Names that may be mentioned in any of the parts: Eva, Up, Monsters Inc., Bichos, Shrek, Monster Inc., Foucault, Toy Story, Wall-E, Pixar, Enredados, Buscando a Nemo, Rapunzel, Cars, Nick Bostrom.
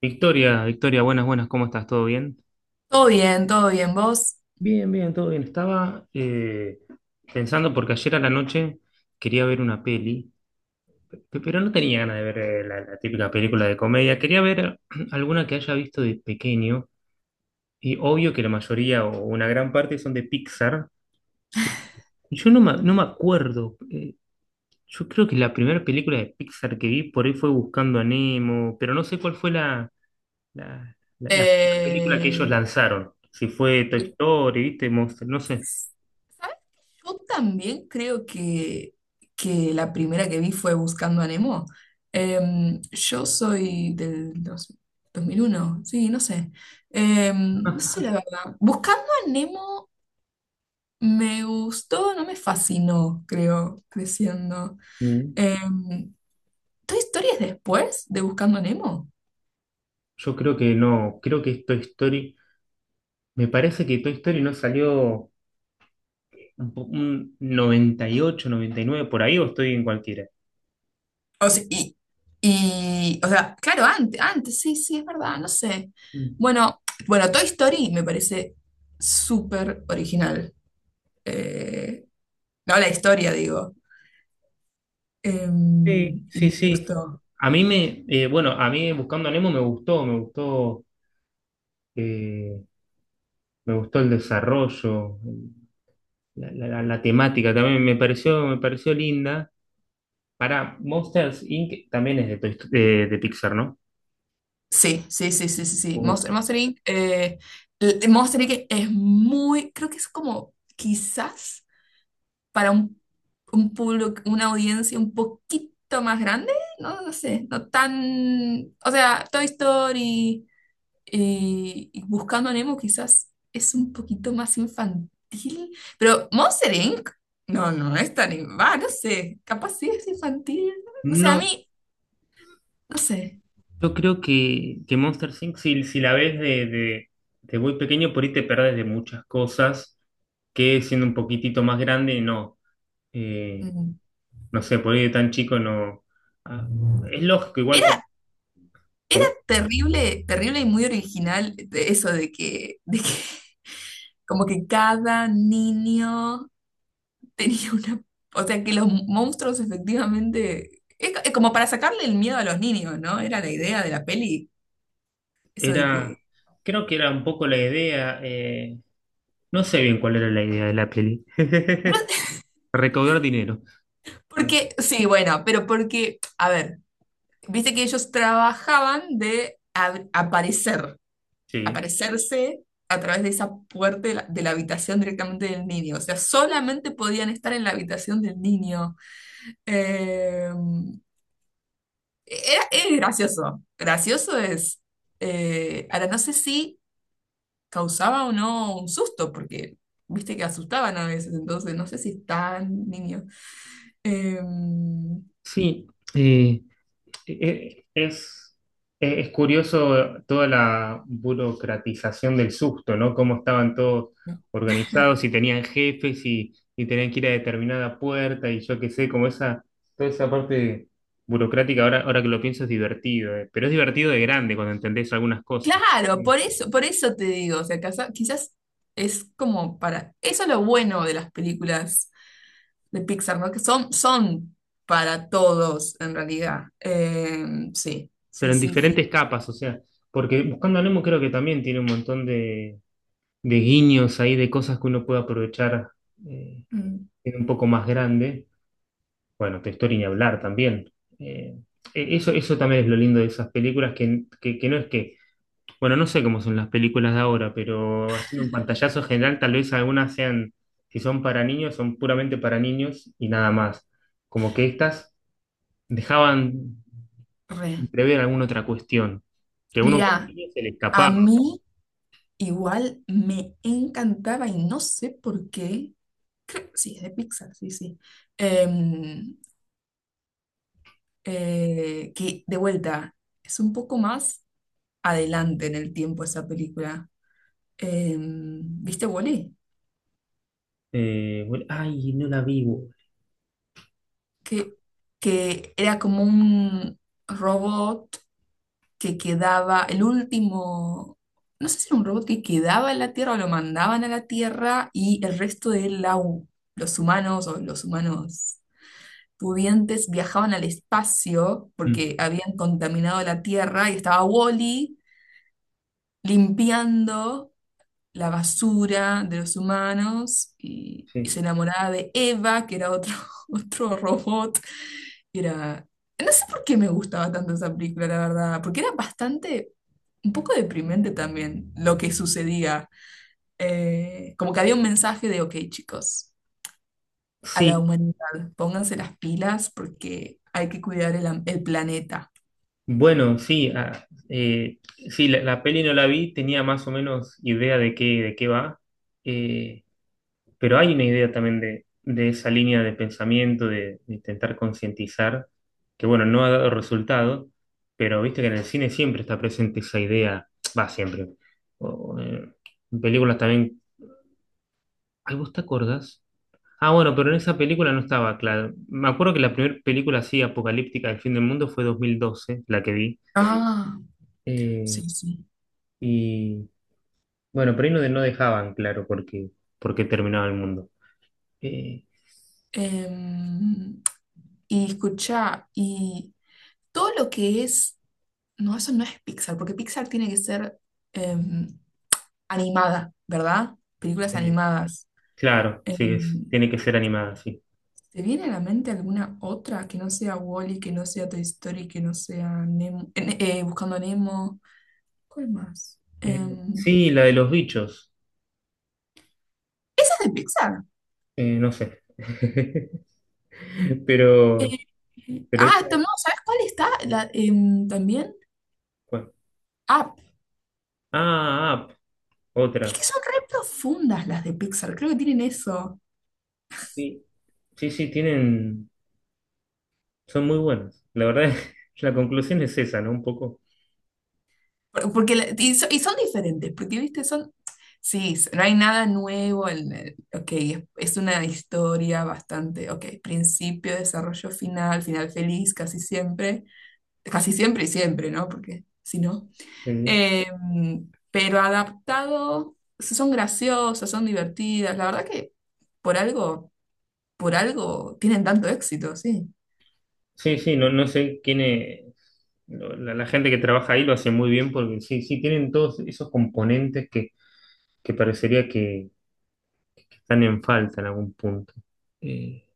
Victoria, Victoria, buenas, buenas, ¿cómo estás? ¿Todo bien? Todo bien, todo bien. Vos, Bien, bien, todo bien. Estaba pensando porque ayer a la noche quería ver una peli, pero no tenía ganas de ver la típica película de comedia. Quería ver alguna que haya visto de pequeño, y obvio que la mayoría o una gran parte son de Pixar. Y yo no me, no me acuerdo. Yo creo que la primera película de Pixar que vi por ahí fue Buscando a Nemo, pero no sé cuál fue la película que ellos eh, lanzaron, si fue Toy Story, ¿viste? Monster, no sé. ¿sabes? Yo también creo que la primera que vi fue Buscando a Nemo. Yo soy del 2001, sí, no sé. No sé la verdad. Buscando a Nemo me gustó, no me fascinó, creo, creciendo. Mm. Em, ¿Toy Story es después de Buscando a Nemo? Yo creo que no, creo que es Toy Story. Me parece que Toy Story no salió un 98, 99 por ahí, o estoy en cualquiera. O sea, y, o sea, claro, antes, antes, sí, sí, es verdad, no sé. Mm. Bueno, bueno, Toy Story me parece súper original. Eh, no la historia, digo. Eh, Sí, y sí, me sí. gustó. A mí me, bueno, a mí Buscando a Nemo me gustó, me gustó, eh, me gustó el desarrollo, la temática también me pareció linda. Para Monsters Inc. también es de, de Pixar, ¿no? Sí, sí, sí, sí, sí, sí. Uf. Monster Inc. Monster Inc. es muy, creo que es como quizás para un público, una audiencia un poquito más grande, no, no sé, no tan, o sea, Toy Story. Y Buscando a Nemo quizás es un poquito más infantil, pero Monster Inc. No, no es tan. Va, no sé, capaz sí es infantil. No sé, a No, mí, no sé. yo creo que Monsters Inc., si la ves de muy pequeño, por ahí te perdés de muchas cosas que siendo un poquitito más grande, no. Eh, Mm. no sé, por ahí de tan chico no. Ah, es lógico, igual Era, era con- terrible, terrible y muy original de eso de que como que cada niño tenía una. O sea, que los monstruos efectivamente. Es como para sacarle el miedo a los niños, ¿no? Era la idea de la peli, eso de era. que. Creo que era un poco la idea. No sé bien cuál era la idea de la peli. Bueno. Recaudar dinero. Porque, sí, bueno, pero porque, a ver, viste que ellos trabajaban de aparecer, Sí. aparecerse a través de esa puerta de la habitación directamente del niño. O sea, solamente podían estar en la habitación del niño. Eh, es gracioso. Gracioso es. Ahora, no sé si causaba o no un susto, porque viste que asustaban a veces, entonces no sé si tan niño. Eh, Sí. eh, Eh, Es, es curioso toda la burocratización del susto, ¿no? Cómo estaban todos organizados y tenían jefes, y tenían que ir a determinada puerta y yo qué sé, como esa, toda esa parte burocrática. Ahora, ahora que lo pienso es divertido. Pero es divertido de grande cuando entendés algunas cosas, Claro, eh, por eso te digo, o sea, quizás es como para, eso es lo bueno de las películas de Pixar, ¿no? Que son para todos, en realidad. Sí, pero sí, en sí, sí. diferentes capas. O sea, porque Buscando a Nemo creo que también tiene un montón de guiños ahí, de cosas que uno puede aprovechar eh, Mm. en un poco más grande. Bueno, textura y ni hablar también. Eh, Eso, eso también es lo lindo de esas películas, que no es que, bueno, no sé cómo son las películas de ahora, pero haciendo un pantallazo general, tal vez algunas sean, si son para niños, son puramente para niños y nada más. Como que estas dejaban Re. prever alguna otra cuestión, que a uno como Mirá, niño se le a escapaba. mí igual me encantaba y no sé por qué. Creo sí, es de Pixar, sí, sí. Em, que de vuelta, es un poco más adelante en el tiempo esa película. ¿Viste Wall-E? Bueno, ay, no la vivo. Que, que era como un robot que quedaba, el último, no sé si era un robot que quedaba en la Tierra o lo mandaban a la Tierra y el resto de los humanos o los humanos pudientes viajaban al espacio porque habían contaminado la Tierra y estaba Wall-E limpiando la basura de los humanos y se Sí. enamoraba de Eva, que era otro, otro robot. Y era, no sé por qué me gustaba tanto esa película, la verdad, porque era bastante, un poco deprimente también lo que sucedía. Como que había un mensaje de, ok, chicos, a la Sí. humanidad, pónganse las pilas porque hay que cuidar el planeta. Bueno, sí, sí, la peli no la vi, tenía más o menos idea de qué va, eh, pero hay una idea también de esa línea de pensamiento, de intentar concientizar, que bueno, no ha dado resultado, pero viste que en el cine siempre está presente esa idea, va siempre. O, en películas también, ay, ¿vos te acordás? Ah, bueno, pero en esa película no estaba claro. Me acuerdo que la primera película así apocalíptica del fin del mundo fue 2012, la que vi. Ah, Eh, sí, sí. Y bueno, pero ahí no, no dejaban claro por qué terminaba el mundo. Eh, Em, y escucha, y todo lo que es. No, eso no es Pixar, porque Pixar tiene que ser em, animada, ¿verdad? Películas eh, animadas. claro, sí, Em, tiene que ser animada, sí. ¿Te viene a la mente alguna otra que no sea Wall-E, que no sea Toy Story, que no sea Buscando a Nemo? ¿Cuál más? Eh, sí, la de los bichos, Esa es de Pixar. No sé. Eh, Pero, pero esa, no, ¿sabes cuál está? La, también. bueno. Ah, Ah, Up, es otra. que son re profundas las de Pixar, creo que tienen eso. Sí, sí, sí, tienen, son muy buenas. La verdad, la conclusión es esa, ¿no? Un poco. Porque, y son diferentes, porque, viste, no hay nada nuevo en ok, es una historia bastante, ok, principio, desarrollo final, final feliz, casi siempre y siempre, ¿no? Porque si no. eh, Pero adaptado, son graciosas, son divertidas, la verdad que por algo, por algo tienen tanto éxito, sí. sí, sí, no, no sé quién es. La gente que trabaja ahí lo hace muy bien porque sí, sí, tienen todos esos componentes que parecería que están en falta en algún punto. Eh,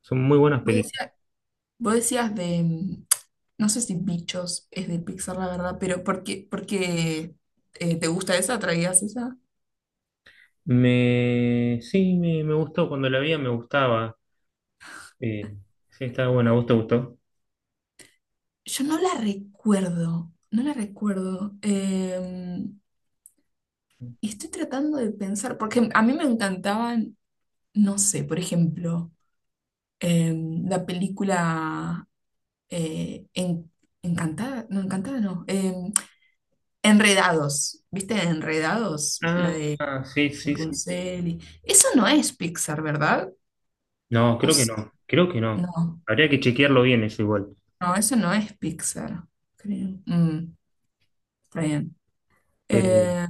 Son muy buenas Vos películas. decías, vos decías de, No sé si Bichos es de Pixar, la verdad, pero por qué, te gusta esa? ¿Traías esa? Sí, me gustó, cuando la vi me gustaba. Eh, sí, estaba buena, ¿a vos te gustó? Yo no la recuerdo, no la recuerdo. Estoy tratando de pensar, porque a mí me encantaban, no sé, por ejemplo, eh, la película eh, En- Encantada no, Enredados, ¿viste? Enredados, la de Ah, sí, sí, sí, sí. Rapunzel. Eso no es Pixar, ¿verdad? No, O creo que s- no, creo que no. no. Habría que chequearlo bien eso igual. No, eso no es Pixar, creo. Mm, está bien. Pero Eh,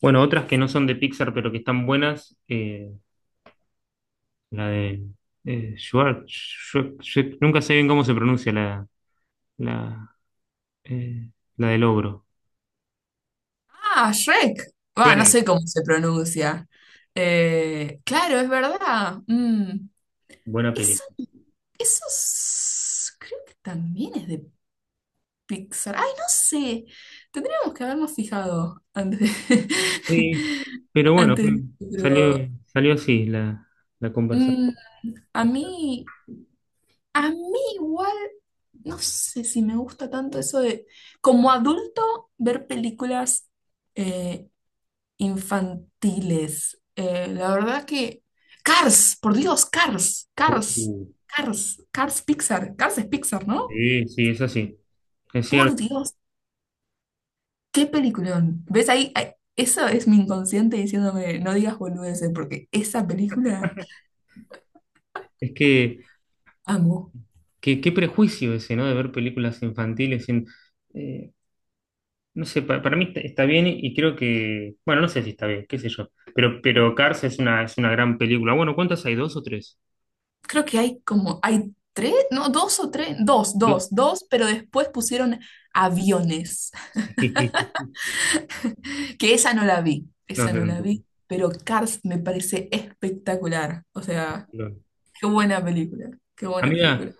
¿y bueno, otras qué que fu- no son de Pixar, pero que están buenas, la de nunca sé bien cómo se pronuncia la, eh, la del ogro. ah, Shrek. Va, no sé Shrek, cómo se pronuncia. Claro, es verdad. Buena eso, película. Creo que también es de Pixar. Ay, no sé. Tendríamos que habernos fijado antes de- Sí, pero bueno, antes, salió, pero salió así la mm, conversación. a mí, a mí igual. No sé si me gusta tanto eso de, como adulto, ver películas eh, infantiles. La verdad que. Cars, por Dios, Cars, Uh, Cars, Cars, Cars Pixar, Cars es Pixar, ¿no? sí, sí, es así, es Por cierto. Dios, qué peliculón. ¿Ves ahí? Eso es mi inconsciente diciéndome, no digas boludeces, porque esa película Es amo. Qué prejuicio ese, ¿no? De ver películas infantiles. Eh, no sé, para mí está, está bien y creo que, bueno, no sé si está bien, qué sé yo. Pero Cars es una gran película. Bueno, ¿cuántas hay? ¿Dos o tres? Creo que hay como, hay tres, no, dos o tres, dos, Dos. dos, dos, pero después pusieron aviones. Sí. Que esa no la vi, No, esa no, no la no, vi, pero Cars me parece espectacular. O sea, no. qué buena película, qué buena Amiga, película.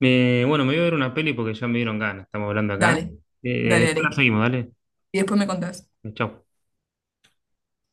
bueno, me voy a ver una peli porque ya me dieron ganas, estamos hablando acá. Dale, dale, Después la dale. seguimos, ¿vale? Y después me contás. Chao.